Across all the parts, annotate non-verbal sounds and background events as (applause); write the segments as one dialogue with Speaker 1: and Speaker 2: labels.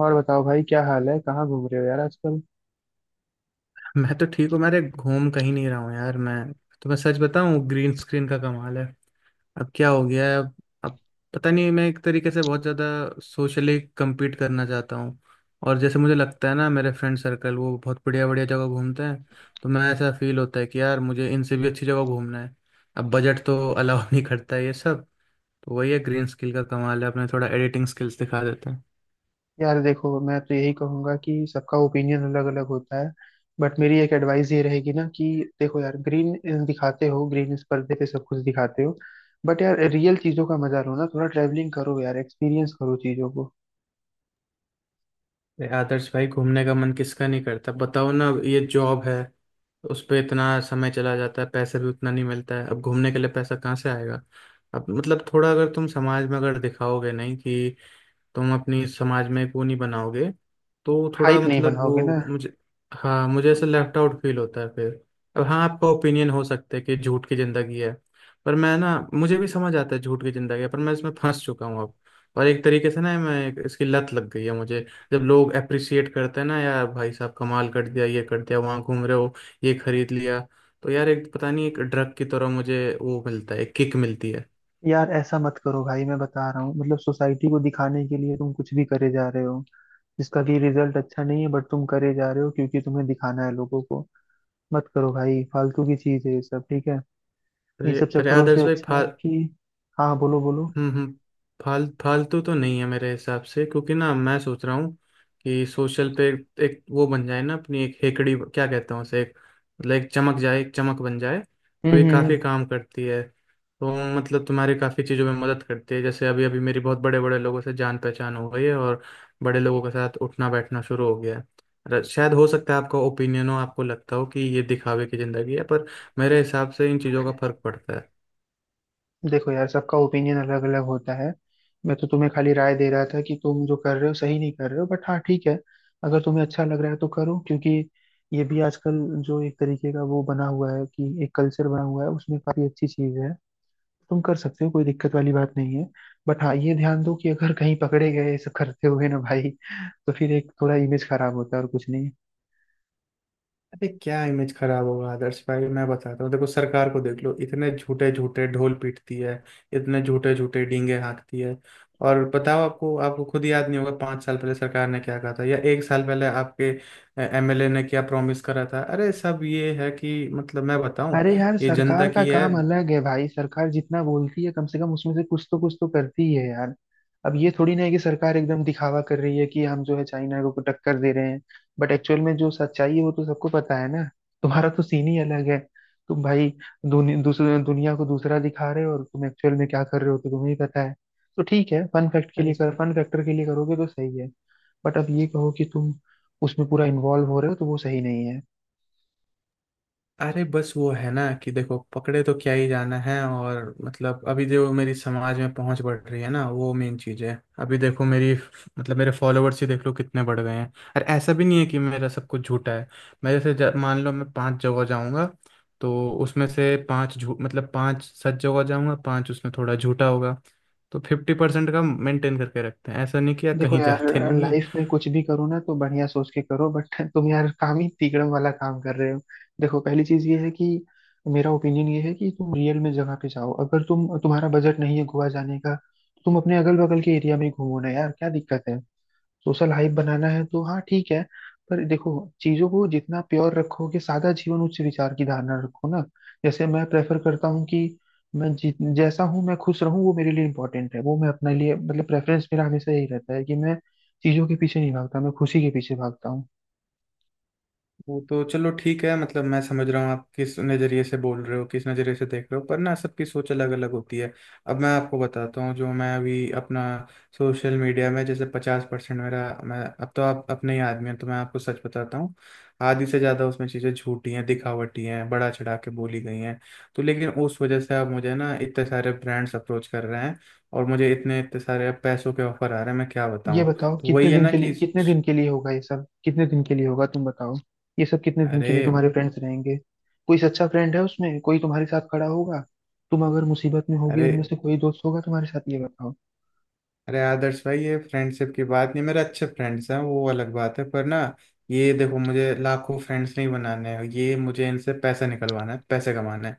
Speaker 1: और बताओ भाई, क्या हाल है, कहाँ घूम रहे हो यार आजकल।
Speaker 2: मैं तो ठीक हूँ, मेरे घूम कहीं नहीं रहा हूँ यार। मैं सच बताऊँ, ग्रीन स्क्रीन का कमाल है। अब क्या हो गया है अब पता नहीं, मैं एक तरीके से बहुत ज़्यादा सोशली compete करना चाहता हूँ। और जैसे मुझे लगता है ना, मेरे फ्रेंड सर्कल वो बहुत बढ़िया बढ़िया जगह घूमते हैं। तो मैं, ऐसा फील होता है कि यार मुझे इनसे भी अच्छी जगह घूमना है। अब बजट तो अलाउ नहीं करता है ये सब। तो वही है, ग्रीन स्किल का कमाल है, अपने थोड़ा एडिटिंग स्किल्स दिखा देते हैं।
Speaker 1: यार देखो, मैं तो यही कहूंगा कि सबका ओपिनियन अलग अलग होता है। बट मेरी एक एडवाइस ये रहेगी ना कि देखो यार, ग्रीन दिखाते हो, ग्रीन इस पर्दे पे सब कुछ दिखाते हो। बट यार, रियल चीजों का मजा लो ना, थोड़ा ट्रैवलिंग करो यार, एक्सपीरियंस करो चीजों को।
Speaker 2: अरे आदर्श भाई, घूमने का मन किसका नहीं करता, बताओ ना, ये जॉब है, उस पे इतना समय चला जाता है, पैसे भी उतना नहीं मिलता है। अब घूमने के लिए पैसा कहाँ से आएगा। अब मतलब थोड़ा, अगर तुम समाज में अगर दिखाओगे नहीं कि तुम अपनी समाज में एक वो नहीं बनाओगे, तो थोड़ा
Speaker 1: हाइप नहीं
Speaker 2: मतलब
Speaker 1: बनाओगे
Speaker 2: वो
Speaker 1: ना।
Speaker 2: मुझे, हाँ, मुझे ऐसा लेफ्ट आउट फील होता है फिर। अब हाँ, आपका ओपिनियन हो सकता है कि झूठ की जिंदगी है, पर मैं ना, मुझे भी समझ आता है झूठ की जिंदगी है, पर मैं इसमें फंस चुका हूँ अब। और एक तरीके से ना, मैं इसकी लत लग गई है मुझे। जब लोग अप्रिसिएट करते हैं ना, यार भाई साहब कमाल कर दिया, ये कर दिया, वहाँ घूम रहे हो, ये खरीद लिया, तो यार एक पता नहीं, एक ड्रग की तरह मुझे वो मिलता है, एक किक मिलती है।
Speaker 1: यार, ऐसा मत करो भाई, मैं बता रहा हूँ मतलब, सोसाइटी को दिखाने के लिए तुम कुछ भी करे जा रहे हो। जिसका कि रिजल्ट अच्छा नहीं है, बट तुम करे जा रहे हो क्योंकि तुम्हें दिखाना है लोगों को। मत करो भाई, फालतू की चीज है ये सब, ठीक है। इन
Speaker 2: अरे
Speaker 1: सब
Speaker 2: अरे
Speaker 1: चक्करों से
Speaker 2: आदर्श भाई।
Speaker 1: अच्छा है कि... हाँ, बोलो बोलो।
Speaker 2: हम्म हम्म, फालतू तो नहीं है मेरे हिसाब से, क्योंकि ना मैं सोच रहा हूँ कि सोशल पे एक वो बन जाए ना, अपनी एक हेकड़ी क्या कहते हैं उसे, एक मतलब एक चमक जाए, एक चमक बन जाए।
Speaker 1: हम्म
Speaker 2: तो ये
Speaker 1: हम्म हम्म।
Speaker 2: काफ़ी काम करती है, तो मतलब तुम्हारे काफ़ी चीज़ों में मदद करती है। जैसे अभी अभी मेरी बहुत बड़े बड़े लोगों से जान पहचान हो गई है, और बड़े लोगों के साथ उठना बैठना शुरू हो गया है। शायद हो सकता है आपका ओपिनियन हो, आपको लगता हो कि ये दिखावे की ज़िंदगी है, पर मेरे हिसाब से इन चीज़ों का फर्क पड़ता है।
Speaker 1: देखो यार, सबका ओपिनियन अलग अलग होता है। मैं तो तुम्हें खाली राय दे रहा था कि तुम जो कर रहे हो सही नहीं कर रहे हो, बट हाँ ठीक है। अगर तुम्हें अच्छा लग रहा है तो करो, क्योंकि ये भी आजकल जो एक तरीके का वो बना हुआ है कि एक कल्चर बना हुआ है उसमें, काफी अच्छी चीज है। तुम कर सकते हो, कोई दिक्कत वाली बात नहीं है। बट हाँ, ये ध्यान दो कि अगर कहीं पकड़े गए ये सब करते हुए ना भाई, तो फिर एक थोड़ा इमेज खराब होता है, और कुछ नहीं।
Speaker 2: अरे क्या इमेज खराब होगा आदर्श भाई, मैं बताता हूँ देखो, सरकार को देख लो इतने झूठे झूठे ढोल पीटती है, इतने झूठे झूठे डींगे हाँकती है। और बताओ, आपको आपको खुद याद नहीं होगा 5 साल पहले सरकार ने क्या कहा था, या एक साल पहले आपके एमएलए ने क्या प्रॉमिस करा था। अरे सब ये है कि मतलब मैं बताऊं,
Speaker 1: अरे यार,
Speaker 2: ये जनता
Speaker 1: सरकार का
Speaker 2: की है।
Speaker 1: काम अलग है भाई, सरकार जितना बोलती है कम से कम उसमें से कुछ तो करती है यार। अब ये थोड़ी ना है कि सरकार एकदम दिखावा कर रही है कि हम जो है चाइना को टक्कर दे रहे हैं। बट एक्चुअल में जो सच्चाई है वो तो सबको पता है ना। तुम्हारा तो सीन ही अलग है। तुम भाई दूसरे दुनिया को दूसरा दिखा रहे हो, और तुम एक्चुअल में क्या कर रहे हो तो तुम्हें ही पता है। तो ठीक है,
Speaker 2: अरे
Speaker 1: फन फैक्टर के लिए करोगे तो सही है। बट अब ये कहो कि तुम उसमें पूरा इन्वॉल्व हो रहे हो, तो वो सही नहीं।
Speaker 2: अरे, बस वो है ना कि देखो, पकड़े तो क्या ही जाना है, और मतलब अभी जो मेरी समाज में पहुंच बढ़ रही है ना, वो मेन चीज़ है। अभी देखो मेरी, मतलब मेरे फॉलोअर्स ही देख लो कितने बढ़ गए हैं। और ऐसा भी नहीं है कि मेरा सब कुछ झूठा है। मैं जैसे मान लो मैं पांच जगह जाऊंगा, तो उसमें से पांच झूठ मतलब पांच सच जगह जाऊंगा, पांच उसमें थोड़ा झूठा होगा। तो 50% का मेंटेन करके रखते हैं, ऐसा नहीं कि यार
Speaker 1: देखो
Speaker 2: कहीं (laughs)
Speaker 1: यार,
Speaker 2: जाते नहीं है।
Speaker 1: लाइफ में कुछ भी करो ना तो बढ़िया सोच के करो, बट (laughs) तुम यार काम ही तिकड़म वाला काम कर रहे हो। देखो, पहली चीज ये है कि मेरा ओपिनियन ये है कि तुम रियल में जगह पे जाओ, अगर तुम्हारा बजट नहीं है गोवा जाने का तो तुम अपने अगल बगल के एरिया में ही घूमो ना यार, क्या दिक्कत है। सोशल हाइप बनाना है तो हाँ ठीक है, पर देखो, चीजों को जितना प्योर रखोगे, सादा जीवन उच्च विचार की धारणा रखो ना। जैसे मैं प्रेफर करता हूँ कि मैं जैसा हूँ मैं खुश रहूँ, वो मेरे लिए इम्पोर्टेंट है, वो मैं अपने लिए मतलब, प्रेफरेंस मेरा हमेशा यही रहता है कि मैं चीजों के पीछे नहीं भागता, मैं खुशी के पीछे भागता हूँ।
Speaker 2: वो तो चलो ठीक है, मतलब मैं समझ रहा हूँ आप किस नज़रिए से बोल रहे हो, किस नज़रिए से देख रहे हो, पर ना सबकी सोच अलग अलग होती है। अब मैं आपको बताता हूँ, जो मैं अभी अपना सोशल मीडिया में जैसे 50% मेरा, मैं अब तो आप अपने ही आदमी हैं तो मैं आपको सच बताता हूँ, आधी से ज़्यादा उसमें चीज़ें झूठी हैं, दिखावटी हैं, बड़ा चढ़ा के बोली गई हैं। तो लेकिन उस वजह से अब मुझे ना इतने सारे ब्रांड्स अप्रोच कर रहे हैं, और मुझे इतने इतने सारे अब पैसों के ऑफर आ रहे हैं, मैं क्या
Speaker 1: ये
Speaker 2: बताऊँ।
Speaker 1: बताओ,
Speaker 2: तो वही है ना कि
Speaker 1: कितने दिन के लिए होगा ये सब, कितने दिन के लिए होगा तुम बताओ। ये सब कितने दिन के
Speaker 2: अरे
Speaker 1: लिए तुम्हारे फ्रेंड्स रहेंगे। कोई सच्चा फ्रेंड है उसमें, कोई तुम्हारे साथ खड़ा होगा। तुम अगर मुसीबत में होगी,
Speaker 2: अरे
Speaker 1: उनमें से कोई दोस्त होगा तुम्हारे साथ, ये बताओ।
Speaker 2: अरे आदर्श भाई, ये फ्रेंडशिप की बात नहीं, मेरे अच्छे फ्रेंड्स हैं वो अलग बात है। पर ना ये देखो, मुझे लाखों फ्रेंड्स नहीं बनाने हैं, ये मुझे इनसे पैसा निकलवाना है, पैसे कमाना है।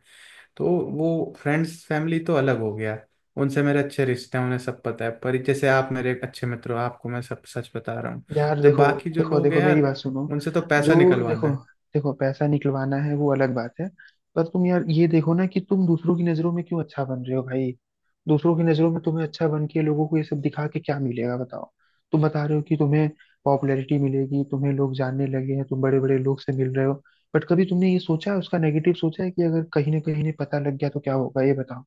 Speaker 2: तो वो फ्रेंड्स फैमिली तो अलग हो गया, उनसे मेरे अच्छे रिश्ते हैं, उन्हें सब पता है। पर जैसे आप मेरे एक अच्छे मित्र हो, आपको मैं सब सच बता रहा हूँ।
Speaker 1: यार
Speaker 2: जो
Speaker 1: देखो
Speaker 2: बाकी जो
Speaker 1: देखो
Speaker 2: लोग हैं
Speaker 1: देखो, मेरी
Speaker 2: यार,
Speaker 1: बात सुनो।
Speaker 2: उनसे तो
Speaker 1: जो
Speaker 2: पैसा निकलवाना
Speaker 1: देखो
Speaker 2: है।
Speaker 1: देखो, पैसा निकलवाना है वो अलग बात है। पर तुम यार, ये देखो ना कि तुम दूसरों की नजरों में क्यों अच्छा बन रहे हो भाई। दूसरों की नजरों में तुम्हें अच्छा बन के लोगों को ये सब दिखा के क्या मिलेगा, बताओ। तुम बता रहे हो कि तुम्हें पॉपुलैरिटी मिलेगी, तुम्हें लोग जानने लगे हैं, तुम बड़े बड़े लोग से मिल रहे हो। बट कभी तुमने ये सोचा है, उसका नेगेटिव सोचा है कि अगर कहीं ना कहीं ने पता लग गया तो क्या होगा, ये बताओ।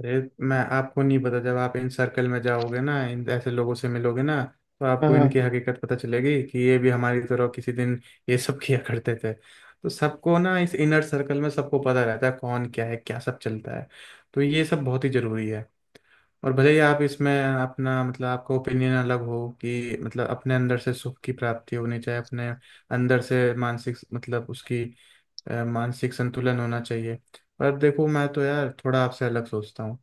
Speaker 2: अरे, मैं आपको नहीं पता जब आप इन सर्कल में जाओगे ना, इन ऐसे लोगों से मिलोगे ना, तो
Speaker 1: हाँ
Speaker 2: आपको इनकी
Speaker 1: हाँ।
Speaker 2: हकीकत पता चलेगी कि ये भी हमारी तरह किसी दिन ये सब (laughs) किया करते थे। तो सबको ना इस इनर सर्कल में सबको पता रहता है कौन क्या है, क्या सब चलता है। तो ये सब बहुत ही जरूरी है। और भले ही आप इसमें अपना मतलब आपका ओपिनियन अलग हो कि मतलब अपने अंदर से सुख की प्राप्ति होनी चाहिए, अपने अंदर से मानसिक मतलब उसकी मानसिक संतुलन होना चाहिए। पर देखो मैं तो यार थोड़ा आपसे अलग सोचता हूँ।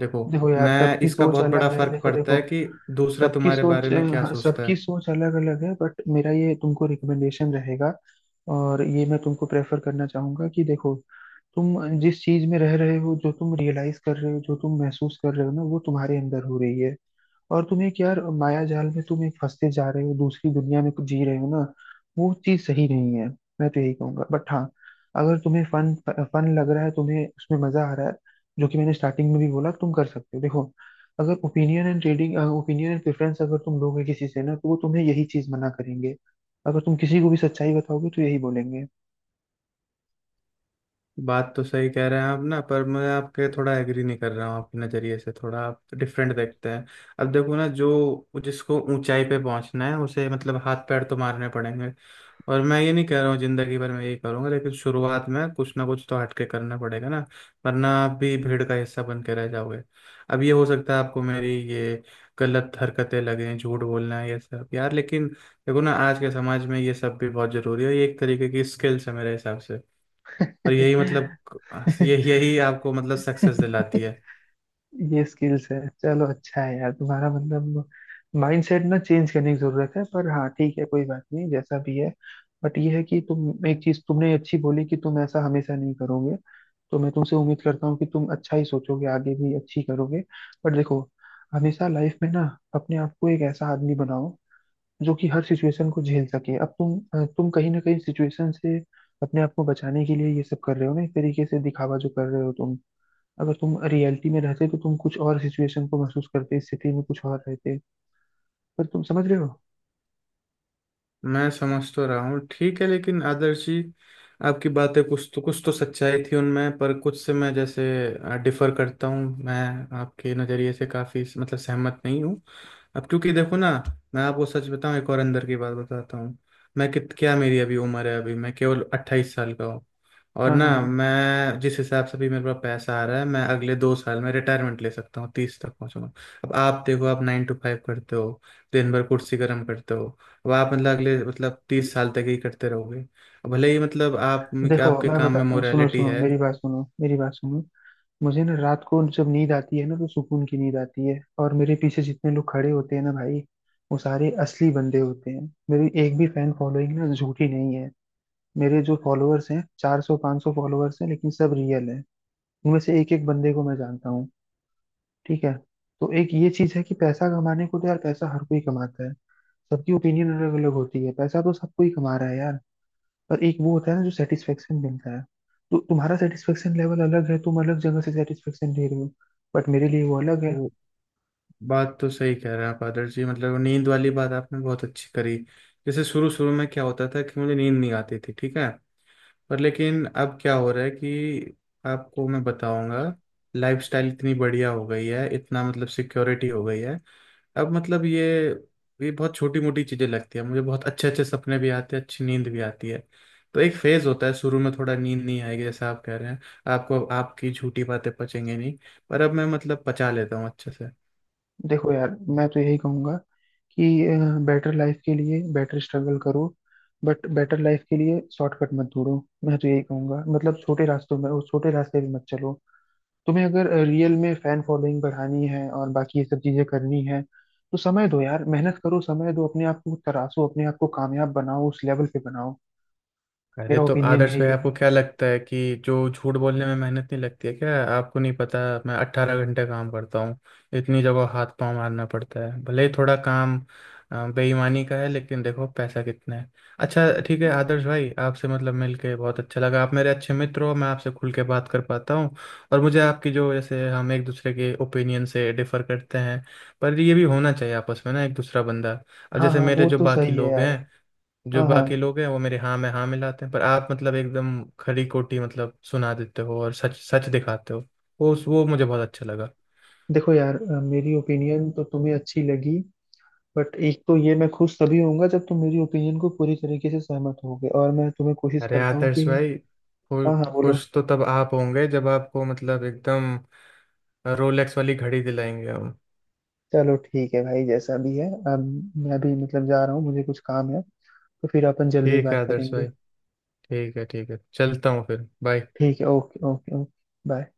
Speaker 2: देखो
Speaker 1: देखो यार,
Speaker 2: मैं,
Speaker 1: सबकी
Speaker 2: इसका
Speaker 1: सोच
Speaker 2: बहुत बड़ा
Speaker 1: अलग है,
Speaker 2: फर्क
Speaker 1: देखो
Speaker 2: पड़ता
Speaker 1: देखो।
Speaker 2: है कि दूसरा
Speaker 1: सबकी
Speaker 2: तुम्हारे बारे
Speaker 1: सोच
Speaker 2: में क्या
Speaker 1: हाँ,
Speaker 2: सोचता
Speaker 1: सबकी
Speaker 2: है।
Speaker 1: सोच अलग अलग है, बट मेरा ये तुमको रिकमेंडेशन रहेगा। और ये मैं तुमको प्रेफर करना चाहूंगा कि देखो, तुम जिस चीज में रह रहे हो, जो तुम रियलाइज कर रहे हो, जो तुम महसूस कर रहे हो ना, वो तुम्हारे अंदर हो रही है। और तुम एक यार माया जाल में तुम एक फंसते जा रहे हो, दूसरी दुनिया में जी रहे हो ना। वो चीज सही नहीं है। मैं तो यही कहूंगा, बट हाँ, अगर तुम्हें फन फन लग रहा है, तुम्हें उसमें मजा आ रहा है। जो कि मैंने स्टार्टिंग में भी बोला, तुम कर सकते हो देखो। अगर ओपिनियन एंड प्रेफरेंस अगर तुम लोगे किसी से ना, तो वो तुम्हें यही चीज मना करेंगे। अगर तुम किसी को भी सच्चाई बताओगे तो यही बोलेंगे।
Speaker 2: बात तो सही कह रहे हैं आप ना, पर मैं आपके थोड़ा एग्री नहीं कर रहा हूँ, आपके नज़रिए से थोड़ा आप डिफरेंट देखते हैं। अब देखो ना, जो जिसको ऊंचाई पे पहुंचना है उसे मतलब हाथ पैर तो मारने पड़ेंगे, और मैं ये नहीं कह रहा हूँ जिंदगी भर मैं ये करूंगा, लेकिन शुरुआत में कुछ ना कुछ तो हट के करना पड़ेगा ना, वरना आप भी भीड़ का हिस्सा बन के रह जाओगे। अब ये हो सकता है आपको मेरी ये गलत हरकतें लगें, झूठ बोलना है ये सब यार, लेकिन देखो ना आज के समाज में ये सब भी बहुत जरूरी है, ये एक तरीके की स्किल्स है मेरे हिसाब से, और यही मतलब यही यही आपको मतलब सक्सेस दिलाती है।
Speaker 1: (laughs) ये स्किल्स है, चलो अच्छा है यार, तुम्हारा मतलब माइंडसेट ना चेंज करने की जरूरत है, पर हाँ ठीक है, कोई बात नहीं जैसा भी है। बट ये है कि तुम एक चीज तुमने अच्छी बोली कि तुम ऐसा हमेशा नहीं करोगे। तो मैं तुमसे उम्मीद करता हूँ कि तुम अच्छा ही सोचोगे, आगे भी अच्छी करोगे। बट देखो, हमेशा लाइफ में ना, अपने आप को एक ऐसा आदमी बनाओ जो कि हर सिचुएशन को झेल सके। अब तुम तुम कहीं ना कहीं सिचुएशन से अपने आप को बचाने के लिए ये सब कर रहे हो ना, एक तरीके से दिखावा जो कर रहे हो तुम। अगर तुम रियलिटी में रहते तो तुम कुछ और सिचुएशन को महसूस करते, स्थिति में कुछ और रहते। पर तुम समझ रहे हो।
Speaker 2: मैं समझ तो रहा हूँ ठीक है, लेकिन आदर्श जी आपकी बातें कुछ तो सच्चाई थी उनमें, पर कुछ से मैं जैसे डिफर करता हूँ, मैं आपके नज़रिए से काफ़ी मतलब सहमत नहीं हूँ। अब क्योंकि देखो ना, मैं आपको सच बताऊँ एक और अंदर की बात बताता हूँ, मैं कित क्या मेरी अभी उम्र है, अभी मैं केवल 28 साल का हूँ, और
Speaker 1: हाँ
Speaker 2: ना
Speaker 1: हाँ हाँ।
Speaker 2: मैं जिस हिसाब से भी मेरे पास पैसा आ रहा है, मैं अगले 2 साल में रिटायरमेंट ले सकता हूँ, 30 तक पहुँचूंगा। अब आप देखो, आप 9 to 5 करते हो, दिन भर कुर्सी गर्म करते हो, अब आप मतलब अगले मतलब 30 साल तक ही करते रहोगे, अब भले ही मतलब आप
Speaker 1: देखो,
Speaker 2: आपके
Speaker 1: मैं
Speaker 2: काम में
Speaker 1: बताता हूँ, सुनो
Speaker 2: मोरालिटी
Speaker 1: सुनो,
Speaker 2: है।
Speaker 1: मेरी बात सुनो, मेरी बात सुनो। मुझे ना, रात को जब नींद आती है ना, तो सुकून की नींद आती है, और मेरे पीछे जितने लोग खड़े होते हैं ना भाई, वो सारे असली बंदे होते हैं। मेरी एक भी फैन फॉलोइंग ना झूठी नहीं है। मेरे जो फॉलोअर्स हैं, 400 500 फॉलोअर्स हैं, लेकिन सब रियल हैं। उनमें से एक एक बंदे को मैं जानता हूँ। ठीक है। तो एक ये चीज है कि पैसा कमाने को तो यार, पैसा हर कोई कमाता है। सबकी ओपिनियन अलग अलग होती है, पैसा तो सबको ही कमा रहा है यार। पर एक वो होता है ना जो सेटिस्फेक्शन मिलता है। तो तुम्हारा सेटिस्फेक्शन लेवल अलग है, तुम अलग जगह से सेटिस्फेक्शन ले रहे हो। बट मेरे लिए वो अलग है।
Speaker 2: वो बात तो सही कह रहे हैं आप आदर्श जी, मतलब वो नींद वाली बात आपने बहुत अच्छी करी। जैसे शुरू शुरू में क्या होता था कि मुझे नींद नहीं आती थी ठीक है, पर लेकिन अब क्या हो रहा है कि आपको मैं बताऊंगा, लाइफस्टाइल इतनी बढ़िया हो गई है, इतना मतलब सिक्योरिटी हो गई है। अब मतलब ये बहुत छोटी मोटी चीजें लगती है, मुझे बहुत अच्छे अच्छे सपने भी आते हैं, अच्छी नींद भी आती है। तो एक फेज होता है, शुरू में थोड़ा नींद नहीं आएगी जैसा आप कह रहे हैं, आपको आपकी झूठी बातें पचेंगे नहीं, पर अब मैं मतलब पचा लेता हूँ अच्छे से।
Speaker 1: देखो यार, मैं तो यही कहूंगा कि बेटर लाइफ के लिए बेटर स्ट्रगल करो। बट बेटर लाइफ के लिए शॉर्टकट मत ढूंढो। मैं तो यही कहूंगा मतलब, छोटे रास्तों में, उस छोटे रास्ते पे मत चलो। तुम्हें अगर रियल में फैन फॉलोइंग बढ़ानी है और बाकी ये सब चीजें करनी है, तो समय दो यार, मेहनत करो, समय दो, अपने आप को तराशो, अपने आप को कामयाब बनाओ, उस लेवल पे बनाओ।
Speaker 2: अरे
Speaker 1: मेरा
Speaker 2: तो
Speaker 1: ओपिनियन
Speaker 2: आदर्श
Speaker 1: यही
Speaker 2: भाई
Speaker 1: है।
Speaker 2: आपको क्या लगता है कि जो झूठ बोलने में मेहनत नहीं लगती है क्या, आपको नहीं पता मैं 18 घंटे काम करता हूँ, इतनी जगह हाथ पांव मारना पड़ता है, भले ही थोड़ा काम बेईमानी का है, लेकिन देखो पैसा कितना है। अच्छा ठीक है आदर्श भाई, आपसे मतलब मिलके बहुत अच्छा लगा, आप मेरे अच्छे मित्र हो, मैं आपसे खुल के बात कर पाता हूँ, और मुझे आपकी जो, जैसे हम एक दूसरे के ओपिनियन से डिफर करते हैं, पर ये भी होना चाहिए आपस में ना एक दूसरा बंदा। और
Speaker 1: हाँ
Speaker 2: जैसे
Speaker 1: हाँ,
Speaker 2: मेरे
Speaker 1: वो
Speaker 2: जो
Speaker 1: तो
Speaker 2: बाकी
Speaker 1: सही है
Speaker 2: लोग
Speaker 1: यार।
Speaker 2: हैं, जो
Speaker 1: हाँ हाँ।
Speaker 2: बाकी लोग हैं वो मेरे हाँ में हाँ मिलाते हैं, पर आप मतलब एकदम खरी खोटी मतलब सुना देते हो और सच सच दिखाते हो, वो मुझे बहुत अच्छा लगा।
Speaker 1: देखो यार, मेरी ओपिनियन तो तुम्हें अच्छी लगी। बट एक तो ये, मैं खुश तभी होऊंगा जब तुम मेरी ओपिनियन को पूरी तरीके से सहमत होगे, और मैं तुम्हें कोशिश
Speaker 2: अरे
Speaker 1: करता हूँ कि...
Speaker 2: आदर्श भाई,
Speaker 1: हाँ हाँ बोलो।
Speaker 2: खुश तो तब आप होंगे जब आपको मतलब एकदम रोलेक्स वाली घड़ी दिलाएंगे हम।
Speaker 1: चलो ठीक है भाई, जैसा भी है। अब मैं भी मतलब जा रहा हूँ, मुझे कुछ काम है। तो फिर अपन जल्दी ही
Speaker 2: ठीक है
Speaker 1: बात
Speaker 2: आदर्श
Speaker 1: करेंगे।
Speaker 2: भाई, ठीक है ठीक है, चलता हूँ फिर बाय।
Speaker 1: ठीक है, ओके ओके ओके, बाय।